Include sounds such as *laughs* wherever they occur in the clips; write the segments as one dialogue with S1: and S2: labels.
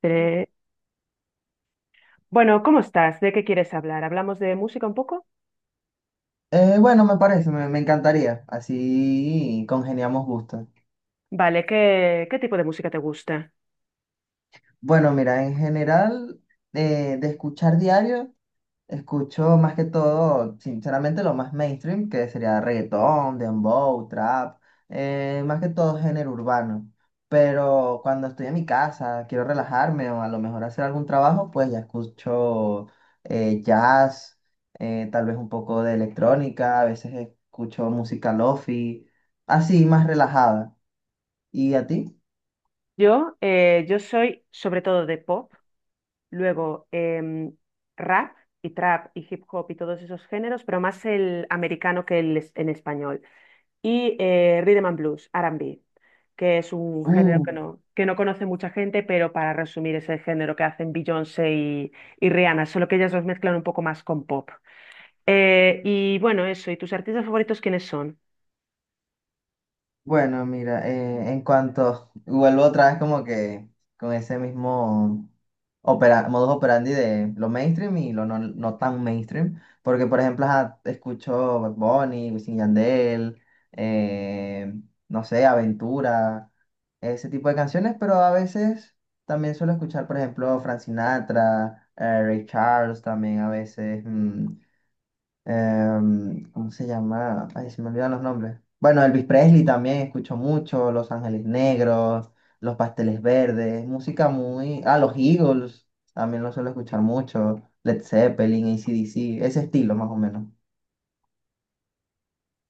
S1: Tre- Bueno, ¿cómo estás? ¿De qué quieres hablar? ¿Hablamos de música un poco?
S2: Bueno, me parece, me encantaría. Así congeniamos gustos.
S1: Vale, ¿qué tipo de música te gusta?
S2: Bueno, mira, en general, de escuchar diario. Escucho más que todo, sinceramente, lo más mainstream, que sería reggaetón, dembow, trap, más que todo género urbano. Pero cuando estoy en mi casa, quiero relajarme o a lo mejor hacer algún trabajo, pues ya escucho jazz, tal vez un poco de electrónica, a veces escucho música lofi, así más relajada. ¿Y a ti?
S1: Yo soy sobre todo de pop, luego rap y trap y hip hop y todos esos géneros, pero más el americano que el en español. Y rhythm and blues, R&B, que es un género
S2: Uh,
S1: que no conoce mucha gente, pero para resumir es el género que hacen Beyoncé y Rihanna, solo que ellas los mezclan un poco más con pop. Y bueno, eso, ¿y tus artistas favoritos quiénes son?
S2: Bueno, mira, en cuanto vuelvo otra vez como que con ese mismo opera, modus operandi de lo mainstream y lo no tan mainstream, porque por ejemplo ajá, escucho Bad Bunny, Wisin y Yandel, eh, no sé, Aventura, ese tipo de canciones, pero a veces también suelo escuchar por ejemplo Frank Sinatra, Ray Charles también a veces, ¿cómo se llama? Ay, se me olvidan los nombres. Bueno, Elvis Presley también escucho mucho, Los Ángeles Negros, Los Pasteles Verdes, música Ah, los Eagles, también lo suelo escuchar mucho, Led Zeppelin, AC/DC, ese estilo más o menos.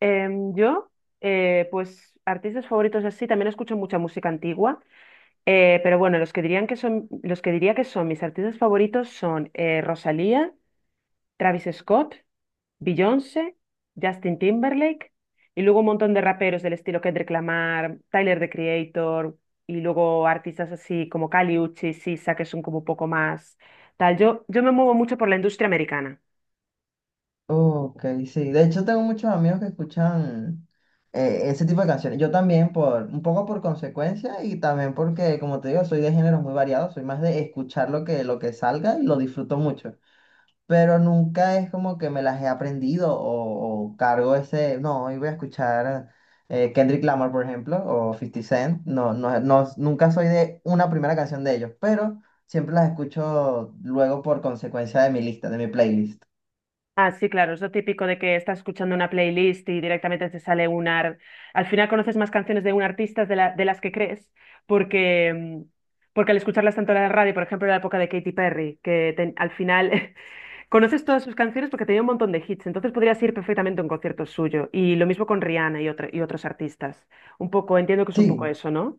S1: Em, yo, pues artistas favoritos así, también escucho mucha música antigua, pero bueno, los que diría que son mis artistas favoritos son Rosalía, Travis Scott, Beyoncé, Justin Timberlake, y luego un montón de raperos del estilo Kendrick Lamar, Tyler, the Creator, y luego artistas así como Kali Uchis, Sisa, que son como un poco más tal. Yo me muevo mucho por la industria americana.
S2: Ok, sí. De hecho, tengo muchos amigos que escuchan ese tipo de canciones. Yo también por un poco por consecuencia y también porque, como te digo, soy de géneros muy variados. Soy más de escuchar lo que salga y lo disfruto mucho. Pero nunca es como que me las he aprendido o cargo ese, no, hoy voy a escuchar Kendrick Lamar, por ejemplo, o Fifty Cent, no, no, no, nunca soy de una primera canción de ellos, pero siempre las escucho luego por consecuencia de mi lista, de mi playlist.
S1: Ah, sí, claro, es lo típico de que estás escuchando una playlist y directamente te sale. Al final conoces más canciones de un artista de las que crees, porque, mm, porque al escucharlas tanto en la radio, por ejemplo, en la época de Katy Perry, al final *laughs* conoces todas sus canciones porque tenía un montón de hits, entonces podrías ir perfectamente a un concierto suyo. Y lo mismo con Rihanna y otros artistas. Un poco, entiendo que es un poco
S2: Sí,
S1: eso, ¿no?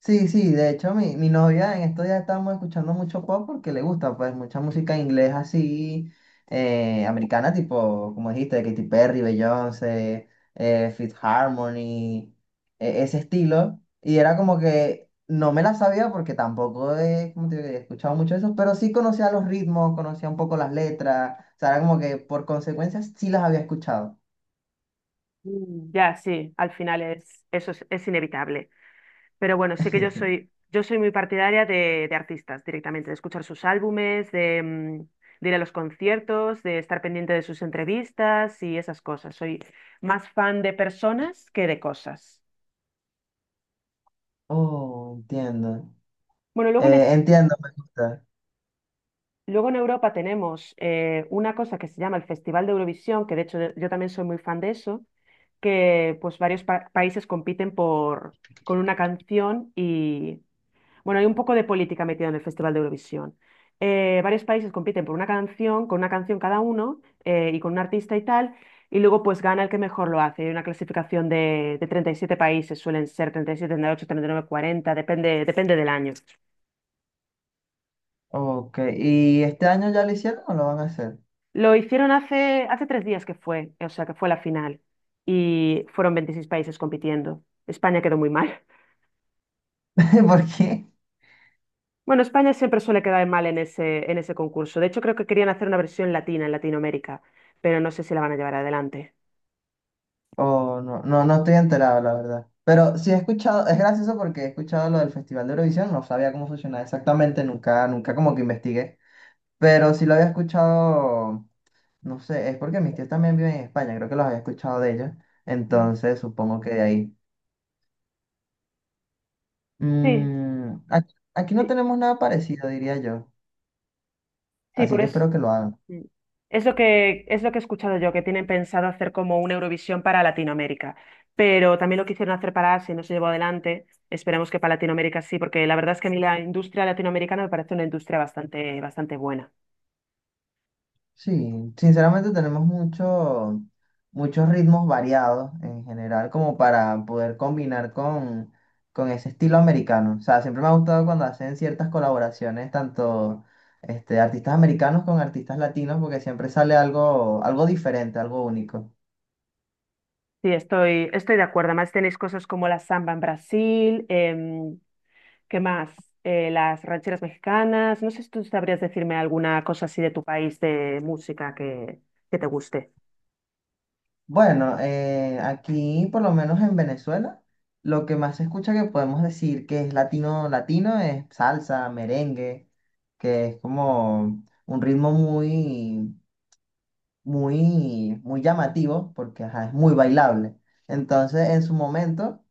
S2: sí, sí, de hecho mi novia en estos días estábamos escuchando mucho pop porque le gusta pues mucha música inglés así, americana, tipo, como dijiste, Katy Perry, Beyoncé, Fifth Harmony, ese estilo. Y era como que no me la sabía porque tampoco he, como te digo, he escuchado mucho eso, pero sí conocía los ritmos, conocía un poco las letras, o sea, era como que por consecuencia sí las había escuchado.
S1: Mm. Ya, sí, al final es, eso es inevitable. Pero bueno, sí que yo soy,
S2: *laughs*
S1: yo soy muy partidaria de artistas directamente, de escuchar sus álbumes, de ir a los conciertos, de estar pendiente de sus entrevistas y esas cosas. Soy más fan de personas que de cosas.
S2: Oh, entiendo.
S1: Bueno, luego en, es-
S2: Entiendo, me gusta.
S1: luego en Europa tenemos una cosa que se llama el Festival de Eurovisión, que de hecho yo también soy muy fan de eso, que pues varios países compiten con una canción. Y bueno, hay un poco de política metida en el Festival de Eurovisión. Varios países compiten por una canción, con una canción cada uno y con un artista y tal, y luego pues gana el que mejor lo hace. Hay una clasificación de 37 países, suelen ser treinta y siete, 38, 39, 40, depende del año.
S2: Ok, ¿y este año ya lo hicieron o lo van a hacer?
S1: Lo hicieron hace 3 días que fue, o sea, que fue la final, y fueron 26 países compitiendo. España quedó muy mal.
S2: *laughs* ¿Por qué?
S1: Bueno, España siempre suele quedar mal en ese concurso. De hecho, creo que querían hacer una versión latina en Latinoamérica, pero no sé si la van a llevar adelante.
S2: Oh, no, no, no estoy enterado, la verdad. Pero sí he escuchado, es gracioso porque he escuchado lo del Festival de Eurovisión, no sabía cómo funcionaba exactamente, nunca como que investigué. Pero sí lo había escuchado, no sé, es porque mis tíos también viven en España, creo que los había escuchado de ellos.
S1: Mm.
S2: Entonces supongo que de ahí.
S1: Sí,
S2: Mm, aquí no
S1: sí,
S2: tenemos nada parecido, diría yo.
S1: sí,
S2: Así
S1: por
S2: que
S1: eso.
S2: espero que lo hagan.
S1: Mm. Es lo que he escuchado yo, que tienen pensado hacer como una Eurovisión para Latinoamérica. Pero también lo quisieron hacer para Asia y no se llevó adelante. Esperemos que para Latinoamérica sí, porque la verdad es que a mí la industria latinoamericana me parece una industria bastante, bastante buena.
S2: Sí, sinceramente tenemos mucho, muchos ritmos variados en general como para poder combinar con ese estilo americano. O sea, siempre me ha gustado cuando hacen ciertas colaboraciones, tanto este, artistas americanos con artistas latinos, porque siempre sale algo, algo diferente, algo único.
S1: Sí, estoy de acuerdo. Además, tenéis cosas como la samba en Brasil, ¿qué más? Las rancheras mexicanas. No sé si tú sabrías decirme alguna cosa así de tu país de música que te guste.
S2: Bueno, aquí por lo menos en Venezuela, lo que más se escucha que podemos decir que es latino, latino es salsa, merengue, que es como un ritmo muy llamativo porque ajá, es muy bailable. Entonces, en su momento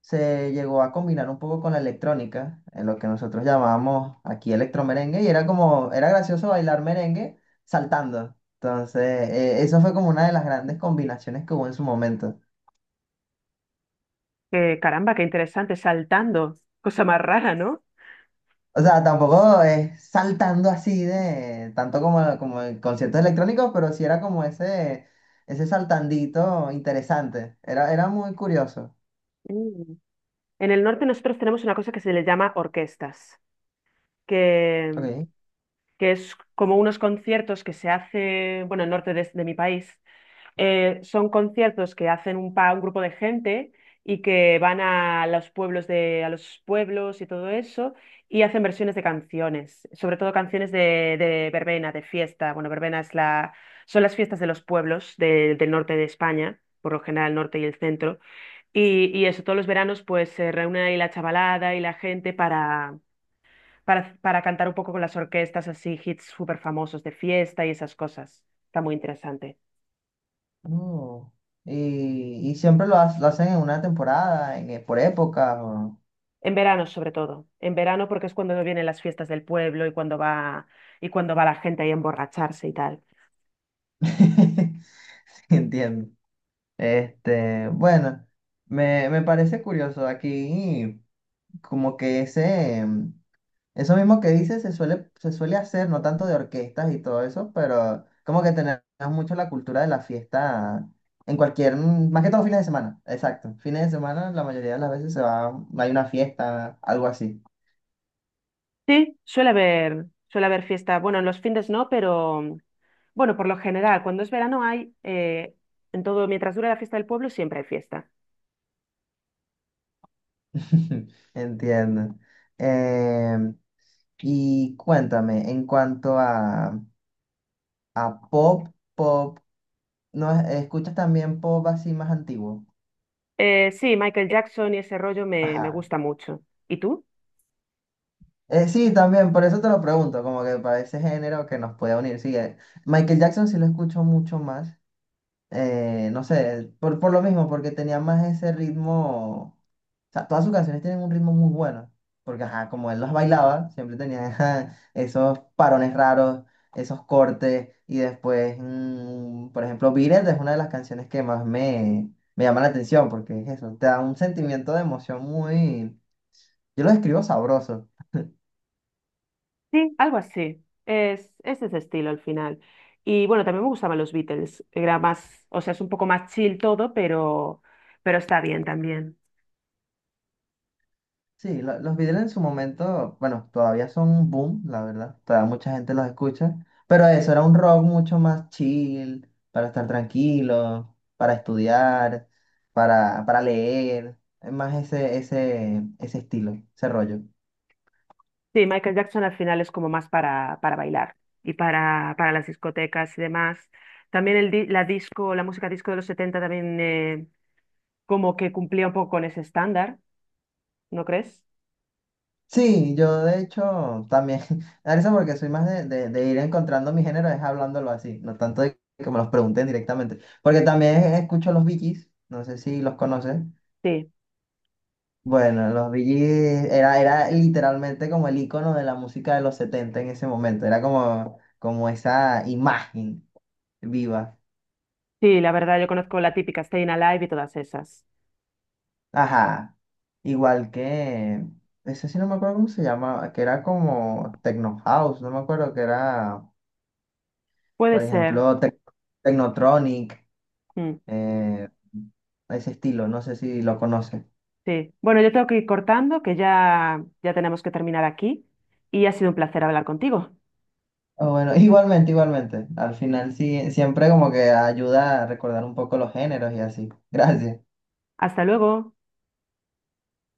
S2: se llegó a combinar un poco con la electrónica, en lo que nosotros llamábamos aquí electromerengue, y era como, era gracioso bailar merengue saltando. Entonces, eso fue como una de las grandes combinaciones que hubo en su momento.
S1: Que, caramba, qué interesante, saltando. Cosa más rara, ¿no?
S2: O sea, tampoco es saltando así de tanto como, como en conciertos electrónicos, pero sí era como ese saltandito interesante. Era, era muy curioso.
S1: Mm. En el norte nosotros tenemos una cosa que se le llama orquestas, que,
S2: Ok.
S1: que es como unos conciertos que se hace, bueno, en el norte de mi país, son conciertos que hacen un grupo de gente y que van a los pueblos a los pueblos y todo eso, y hacen versiones de canciones, sobre todo canciones de verbena, de fiesta. Bueno, verbena son las fiestas de los pueblos del norte de España, por lo general el norte y el centro. Y eso, todos los veranos pues se reúne ahí la chavalada y la gente para cantar un poco con las orquestas, así hits súper famosos de fiesta y esas cosas. Está muy interesante.
S2: No y, y siempre lo hacen en una temporada, en, por época. O...
S1: En verano, sobre todo. En verano, porque es cuando vienen las fiestas del pueblo y cuando va la gente ahí a emborracharse y tal.
S2: *laughs* sí, entiendo. Este, bueno, me parece curioso aquí, como que ese, eso mismo que dices se suele hacer, no tanto de orquestas y todo eso, pero como que tenemos mucho la cultura de la fiesta en cualquier, más que todo fines de semana, exacto. Fines de semana, la mayoría de las veces se va, hay una fiesta, algo así.
S1: Sí, suele haber fiesta. Bueno, en los fines no, pero bueno, por lo general, cuando es verano en todo, mientras dura la fiesta del pueblo, siempre hay fiesta.
S2: *laughs* Entiendo. Em, y cuéntame, en cuanto a, a pop, pop, ¿no escuchas también pop así más antiguo?
S1: Sí, Michael Jackson y ese rollo me
S2: Ajá.
S1: gusta mucho. ¿Y tú?
S2: Sí, también, por eso te lo pregunto, como que para ese género que nos puede unir. Sí, Michael Jackson sí lo escucho mucho más. No sé, por lo mismo, porque tenía más ese ritmo. Sea, todas sus canciones tienen un ritmo muy bueno, porque ajá, como él las bailaba, siempre tenía *laughs* ajá, esos parones raros, esos cortes, y después, mm, por ejemplo, Beat It es una de las canciones que más me llama la atención, porque es eso, te da un sentimiento de emoción muy, yo lo describo sabroso.
S1: Sí, algo así. Es de ese estilo al final. Y bueno, también me gustaban los Beatles. Era más, o sea, es un poco más chill todo, pero está bien también.
S2: Sí, los Beatles en su momento, bueno, todavía son un boom, la verdad. Todavía mucha gente los escucha. Pero eso era un rock mucho más chill, para estar tranquilo, para estudiar, para leer. Es más ese, ese, ese estilo, ese rollo.
S1: Sí, Michael Jackson al final es como más para bailar y para las discotecas y demás. También la disco, la música disco de los 70 también como que cumplía un poco con ese estándar, ¿no crees?
S2: Sí, yo de hecho también, *laughs* a eso porque soy más de, de ir encontrando mi género, es hablándolo así, no tanto de que me los pregunten directamente. Porque también escucho los Bee Gees, no sé si los conoces.
S1: Sí,
S2: Bueno, los Bee Gees era, era literalmente como el icono de la música de los 70 en ese momento. Era como, como esa imagen viva.
S1: sí, la verdad yo conozco la típica Stayin' Alive y todas esas.
S2: Ajá. Igual que, ese sí no me acuerdo cómo se llama, que era como Techno House, no me acuerdo, que era,
S1: Puede
S2: por
S1: ser.
S2: ejemplo, Technotronic,
S1: Mm,
S2: eh, ese estilo, no sé si lo conoces.
S1: sí. Bueno, yo tengo que ir cortando, que ya tenemos que terminar aquí y ha sido un placer hablar contigo.
S2: Ah, bueno, *laughs* igualmente, igualmente. Al final sí, siempre como que ayuda a recordar un poco los géneros y así. Gracias.
S1: Hasta luego.